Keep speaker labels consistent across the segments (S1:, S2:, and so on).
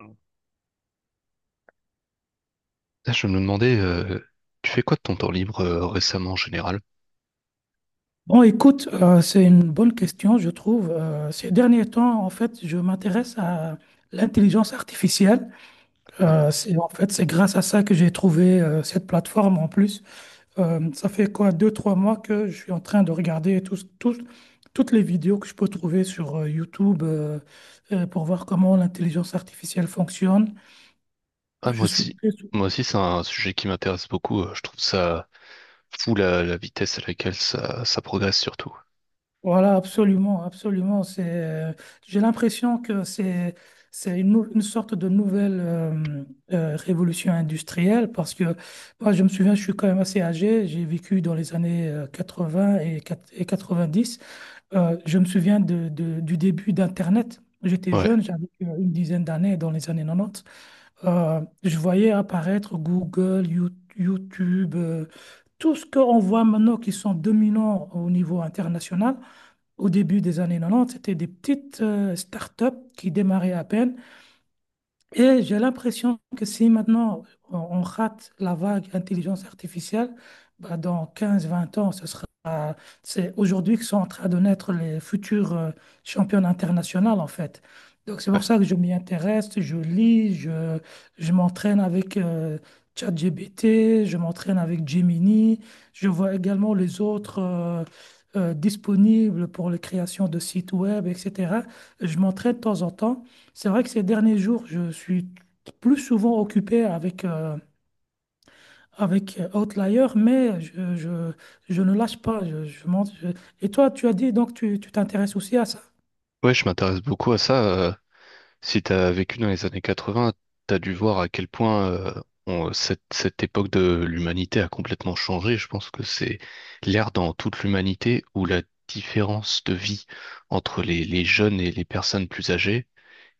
S1: Là, je me demandais, tu fais quoi de ton temps libre récemment en général?
S2: Bon, écoute, c'est une bonne question, je trouve. Ces derniers temps, en fait, je m'intéresse à l'intelligence artificielle.
S1: Ah,
S2: En fait, c'est grâce à ça que j'ai trouvé cette plateforme en plus. Ça fait quoi, deux, trois mois que je suis en train de regarder toutes les vidéos que je peux trouver sur YouTube, pour voir comment l'intelligence artificielle fonctionne.
S1: ah, moi
S2: Je suis
S1: aussi.
S2: très
S1: Moi aussi, c'est un sujet qui m'intéresse beaucoup. Je trouve ça fou la vitesse à laquelle ça progresse surtout.
S2: Voilà, absolument, absolument. J'ai l'impression que c'est une sorte de nouvelle révolution industrielle parce que moi, je me souviens, je suis quand même assez âgé. J'ai vécu dans les années 80 et 90. Je me souviens du début d'Internet. J'étais
S1: Ouais.
S2: jeune, j'avais une dizaine d'années dans les années 90. Je voyais apparaître Google, YouTube, tout ce qu'on voit maintenant qui sont dominants au niveau international. Au début des années 90, c'était des petites startups qui démarraient à peine. Et j'ai l'impression que si maintenant on rate la vague intelligence artificielle, bah, dans quinze vingt ans, c'est aujourd'hui que sont en train de naître les futurs champions internationaux, en fait. Donc c'est
S1: Ouais,
S2: pour ça que je m'y intéresse, je lis, je m'entraîne avec ChatGPT, je m'entraîne avec Gemini, je vois également les autres disponibles pour la création de sites web, etc. Je m'entraîne de temps en temps. C'est vrai que ces derniers jours, je suis plus souvent occupé avec Outlier, mais je ne lâche pas. Et toi, tu as dit donc tu t'intéresses aussi à ça?
S1: ouais, je m'intéresse beaucoup à ça. Si tu as vécu dans les années 80, tu as dû voir à quel point cette, cette époque de l'humanité a complètement changé. Je pense que c'est l'ère dans toute l'humanité où la différence de vie entre les jeunes et les personnes plus âgées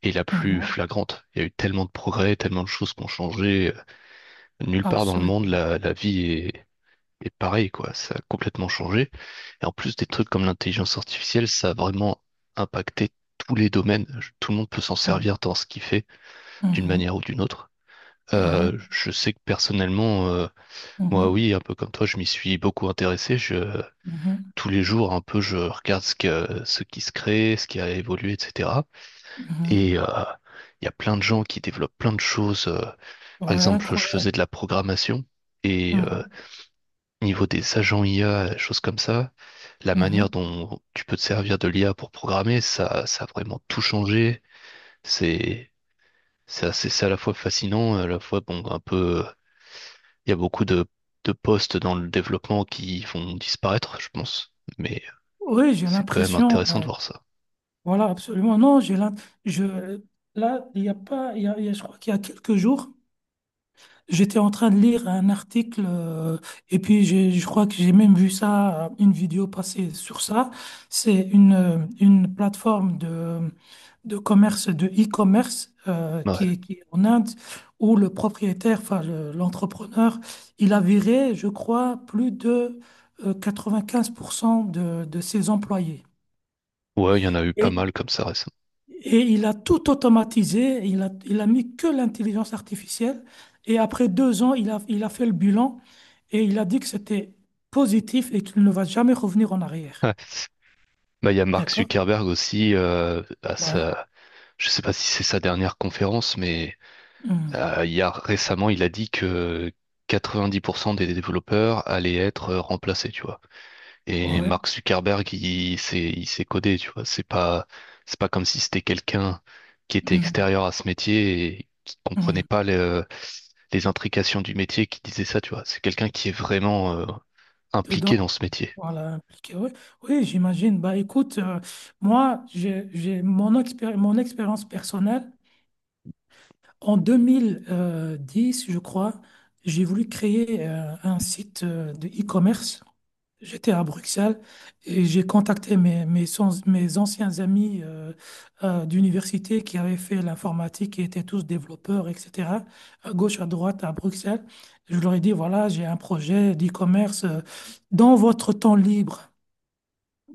S1: est la plus
S2: Mhm.
S1: flagrante. Il y a eu tellement de progrès, tellement de choses qui ont changé. Nulle part dans le monde,
S2: Absolument.
S1: la vie est pareille, quoi. Ça a complètement changé. Et en plus, des trucs comme l'intelligence artificielle, ça a vraiment impacté tous les domaines. Tout le monde peut s'en
S2: Mhm.
S1: servir dans ce qu'il fait d'une
S2: Mhm.
S1: manière ou d'une autre.
S2: Mhm.
S1: Je sais que personnellement, moi
S2: Mhm.
S1: oui, un peu comme toi, je m'y suis beaucoup intéressé. Je,
S2: Mhm.
S1: tous les jours, un peu, je regarde ce que, ce qui se crée, ce qui a évolué, etc.
S2: Mhm.
S1: Et il y a plein de gens qui développent plein de choses. Par
S2: Ouais,
S1: exemple, je faisais de
S2: incroyable.
S1: la programmation et
S2: Mhm.
S1: niveau des agents IA, choses comme ça, la manière
S2: Mhm.
S1: dont tu peux te servir de l'IA pour programmer, ça a vraiment tout changé. C'est, c'est assez, c'est à la fois fascinant, à la fois bon, un peu. Il y a beaucoup de postes dans le développement qui vont disparaître, je pense. Mais
S2: Oui, j'ai
S1: c'est quand même
S2: l'impression.
S1: intéressant de voir ça.
S2: Voilà, absolument. Non, je, là, il y a pas, il y a- je crois qu'il y a quelques jours, j'étais en train de lire un article et puis je crois que j'ai même vu ça, une vidéo passer sur ça. C'est une plateforme de commerce, de e-commerce
S1: Ouais,
S2: qui est en Inde, où le propriétaire, enfin l'entrepreneur, il a viré, je crois, plus de 95% de ses employés.
S1: ouais, il y en a eu pas mal comme ça récemment.
S2: Et il a tout automatisé, il a mis que l'intelligence artificielle. Et après 2 ans, il a fait le bilan et il a dit que c'était positif et qu'il ne va jamais revenir en arrière.
S1: Ouais. Bah, il y a Mark
S2: D'accord?
S1: Zuckerberg aussi,
S2: Ouais.
S1: je sais pas si c'est sa dernière conférence, mais
S2: Mm.
S1: il y a récemment, il a dit que 90% des développeurs allaient être remplacés, tu vois. Et
S2: Ouais.
S1: Mark Zuckerberg, il s'est codé, tu vois. C'est pas comme si c'était quelqu'un qui était
S2: Mm.
S1: extérieur à ce métier et qui
S2: Mm.
S1: comprenait pas les intrications du métier qui disait ça, tu vois. C'est quelqu'un qui est vraiment impliqué dans
S2: Dedans,
S1: ce métier.
S2: voilà, impliqué. Oui, oui, j'imagine. Bah, écoute, moi, j'ai mon mon expérience personnelle. En deux mille dix, je crois, j'ai voulu créer un site de e-commerce. J'étais à Bruxelles et j'ai contacté mes, mes, sans- mes anciens amis d'université qui avaient fait l'informatique, qui étaient tous développeurs, etc., à gauche, à droite, à Bruxelles. Je leur ai dit, voilà, j'ai un projet d'e-commerce, dans votre temps libre.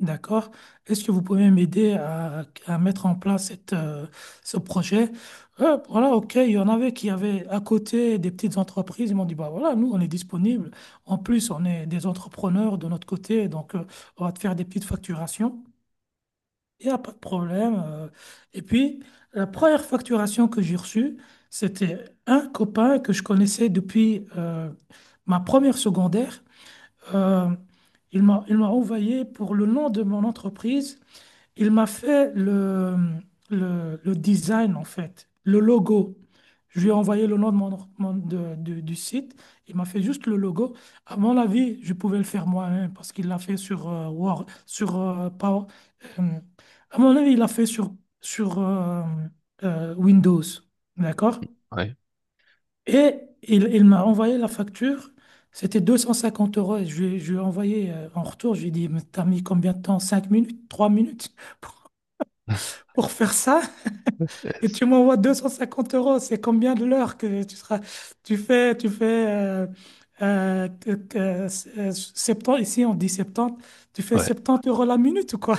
S2: D'accord. Est-ce que vous pouvez m'aider à mettre en place ce projet? Voilà, ok, il y en avait qui avaient à côté des petites entreprises. Ils m'ont dit, bah voilà, nous, on est disponible. En plus, on est des entrepreneurs de notre côté, donc on va te faire des petites facturations. Il n'y a pas de problème. Et puis, la première facturation que j'ai reçue, c'était un copain que je connaissais depuis ma première secondaire. Euh, il m'a envoyé pour le nom de mon entreprise. Il m'a fait le design, en fait, le logo. Je lui ai envoyé le nom de du site. Il m'a fait juste le logo. À mon avis, je pouvais le faire moi-même parce qu'il l'a fait sur Word, sur Power. euh, à mon avis, il l'a fait sur Windows. D'accord?
S1: Ouais.
S2: Et il m'a envoyé la facture. C'était 250 euros. Et je lui ai envoyé en retour. Je lui ai dit, mais t'as mis combien de temps? 5 minutes? 3 minutes? pour faire ça
S1: Ouais.
S2: et
S1: C'est
S2: tu m'envoies 250 euros. C'est combien de l'heure que tu seras, tu fais, euh, que- que- septante- ici on dit 70, tu fais
S1: ouais.
S2: 70 € la minute ou quoi?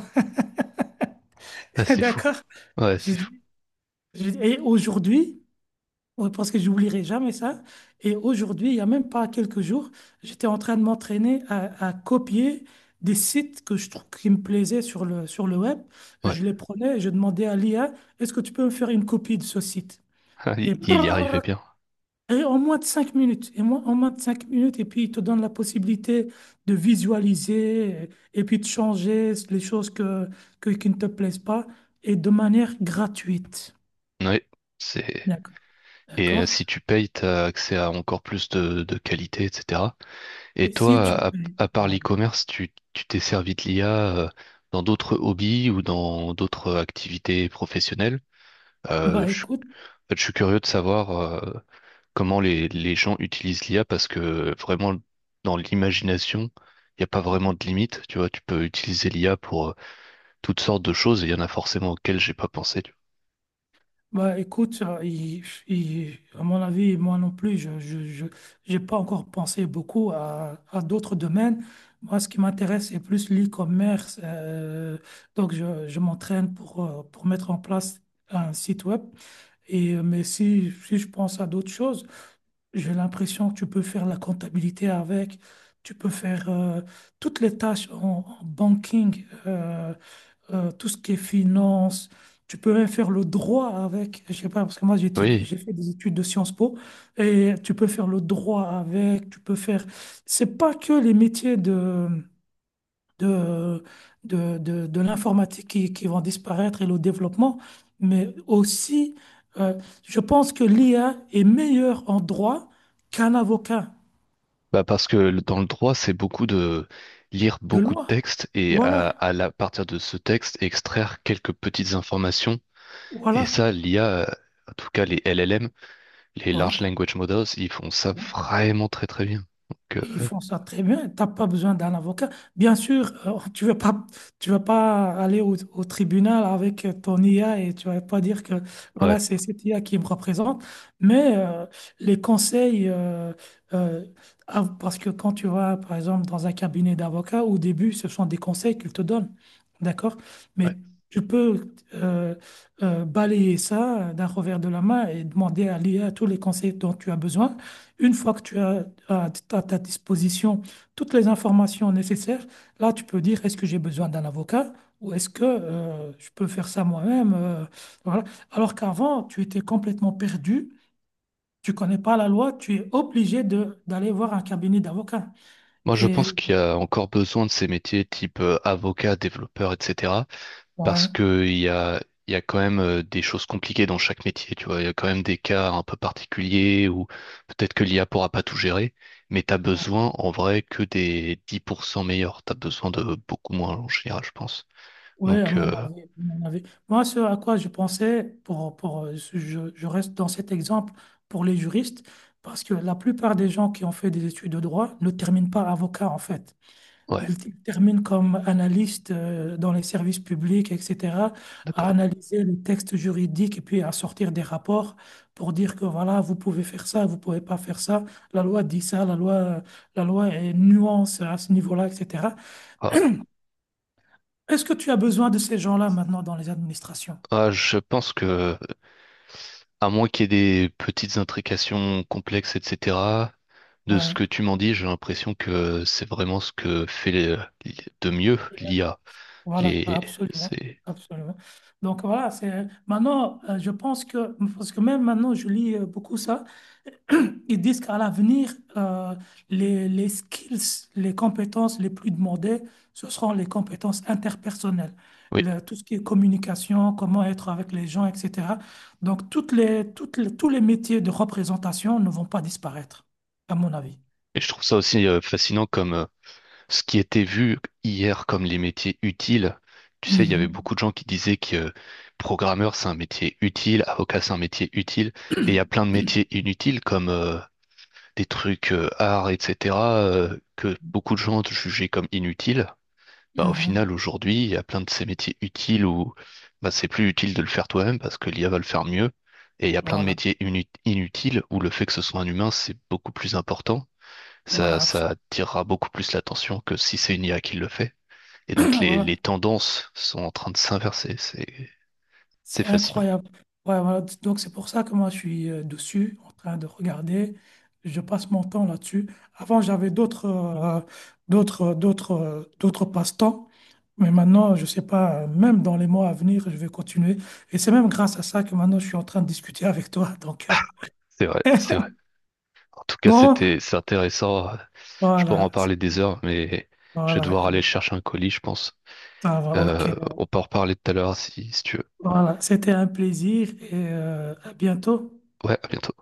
S1: Ah, c'est fou.
S2: D'accord?
S1: Ouais,
S2: J'ai
S1: c'est
S2: dit-
S1: fou.
S2: j'ai dit, et aujourd'hui, ouais, parce que j'oublierai jamais ça, et aujourd'hui, il y a même pas quelques jours, j'étais en train de m'entraîner à copier des sites que je trouve qui me plaisaient sur le web.
S1: Ouais.
S2: Je les prenais et je demandais à l'IA, est-ce que tu peux me faire une copie de ce site?
S1: Ah,
S2: Et,
S1: il y arrivait
S2: prrr,
S1: bien.
S2: et en moins de 5 minutes, et moi, en moins de 5 minutes, et puis il te donne la possibilité de visualiser et puis de changer les choses qui ne te plaisent pas et de manière gratuite.
S1: Ouais. C'est,
S2: D'accord,
S1: et
S2: d'accord.
S1: si tu payes, t'as accès à encore plus de qualité, etc. Et
S2: Et si
S1: toi,
S2: tu
S1: à,
S2: payes,
S1: à part
S2: voilà.
S1: l'e-commerce, tu t'es servi de l'IA dans d'autres hobbies ou dans d'autres activités professionnelles? Euh,
S2: bah
S1: je,
S2: écoute,
S1: je suis curieux de savoir comment les gens utilisent l'IA parce que vraiment, dans l'imagination, il n'y a pas vraiment de limite. Tu vois, tu peux utiliser l'IA pour toutes sortes de choses et il y en a forcément auxquelles j'ai pas pensé. Tu
S2: Bah, écoute, à mon avis, moi non plus, j'ai pas encore pensé beaucoup à d'autres domaines. Moi, ce qui m'intéresse, c'est plus l'e-commerce. Donc, je m'entraîne pour mettre en place un site web. Et, mais si je pense à d'autres choses, j'ai l'impression que tu peux faire la comptabilité avec, tu peux faire toutes les tâches en banking. Tout ce qui est finance. Tu peux même faire le droit avec, je sais pas, parce que moi
S1: vois. Oui,
S2: j'ai fait des études de Sciences Po et tu peux faire le droit avec, tu peux faire. C'est pas que les métiers de, de l'informatique qui vont disparaître et le développement, mais aussi, euh, je pense que l'IA est meilleure en droit qu'un avocat
S1: bah parce que dans le droit, c'est beaucoup de lire
S2: de
S1: beaucoup de
S2: loi.
S1: textes et
S2: Voilà,
S1: à partir de ce texte, extraire quelques petites informations. Et
S2: voilà,
S1: ça, l'IA, en tout cas les LLM, les
S2: voilà.
S1: Large Language Models, ils font ça vraiment très très bien. Donc,
S2: Ils font ça très bien. T'as pas besoin d'un avocat. Bien sûr, tu veux pas, tu vas pas aller au tribunal avec ton IA et tu vas pas dire que voilà,
S1: ouais,
S2: c'est cette IA qui me représente. Mais les conseils, euh, ah, parce que quand tu vas, par exemple, dans un cabinet d'avocat, au début, ce sont des conseils qu'ils te donnent. D'accord? Mais
S1: ouais.
S2: tu peux balayer ça d'un revers de la main et demander à l'IA tous les conseils dont tu as besoin. Une fois que tu as à ta disposition toutes les informations nécessaires, là, tu peux dire, est-ce que j'ai besoin d'un avocat ou est-ce que je peux faire ça moi-même, voilà. Alors qu'avant, tu étais complètement perdu, tu connais pas la loi, tu es obligé de d'aller voir un cabinet d'avocats.
S1: Moi, je pense
S2: Et
S1: qu'il y a encore besoin de ces métiers type avocat, développeur, etc. Parce
S2: ouais,
S1: que il y a quand même des choses compliquées dans chaque métier, tu vois. Il y a quand même des cas un peu particuliers où peut-être que l'IA pourra pas tout gérer, mais t'as besoin en vrai que des 10% meilleurs. T'as besoin de beaucoup moins en général, je pense.
S2: ouais, à
S1: Donc,
S2: mon avis, à mon avis. Moi, ce à quoi je pensais, je reste dans cet exemple pour les juristes, parce que la plupart des gens qui ont fait des études de droit ne terminent pas avocat, en fait.
S1: ouais,
S2: Il termine comme analyste dans les services publics, etc., à
S1: d'accord.
S2: analyser les textes juridiques et puis à sortir des rapports pour dire que voilà, vous pouvez faire ça, vous pouvez pas faire ça. La loi dit ça, la loi est nuance à ce niveau-là, etc.
S1: Ah ouais.
S2: Est-ce que tu as besoin de ces gens-là maintenant dans les administrations?
S1: Ah, je pense que, à moins qu'il y ait des petites intrications complexes, etc., de ce
S2: Ouais,
S1: que tu m'en dis, j'ai l'impression que c'est vraiment ce que fait de mieux l'IA.
S2: voilà,
S1: Les,
S2: absolument,
S1: c'est,
S2: absolument. Donc voilà, c'est maintenant, je pense que parce que même maintenant, je lis beaucoup ça. Ils disent qu'à l'avenir, les skills, les compétences les plus demandées, ce seront les compétences interpersonnelles.
S1: oui.
S2: Tout ce qui est communication, comment être avec les gens, etc. Donc, tous les métiers de représentation ne vont pas disparaître, à mon avis.
S1: Et je trouve ça aussi fascinant comme ce qui était vu hier comme les métiers utiles. Tu sais, il y avait
S2: Mhm.
S1: beaucoup de gens qui disaient que programmeur, c'est un métier utile, avocat, c'est un métier utile. Et il y a plein de métiers inutiles comme des trucs art, etc., que beaucoup de gens jugeaient comme inutiles. Bah, au
S2: Mhm.
S1: final, aujourd'hui, il y a plein de ces métiers utiles où bah, c'est plus utile de le faire toi-même parce que l'IA va le faire mieux. Et il y a plein de
S2: Voilà.
S1: métiers inutiles où le fait que ce soit un humain, c'est beaucoup plus important. Ça,
S2: Voilà,
S1: ça
S2: absolument.
S1: attirera beaucoup plus l'attention que si c'est une IA qui le fait. Et donc les tendances sont en train de s'inverser. C'est
S2: C'est
S1: fascinant.
S2: incroyable. Ouais, voilà. Donc c'est pour ça que moi je suis dessus, en train de regarder. Je passe mon temps là-dessus. Avant j'avais d'autres passe-temps, mais maintenant je sais pas. Même dans les mois à venir, je vais continuer. Et c'est même grâce à ça que maintenant je suis en train de discuter avec toi. Donc
S1: C'est vrai, c'est vrai. En tout cas,
S2: bon,
S1: c'était, c'est intéressant. Je pourrais en
S2: voilà,
S1: parler des heures, mais je vais
S2: voilà,
S1: devoir aller chercher un colis, je pense.
S2: ça va, ok.
S1: On peut en reparler tout à l'heure si tu veux.
S2: Voilà, c'était un plaisir et à bientôt.
S1: Ouais, à bientôt.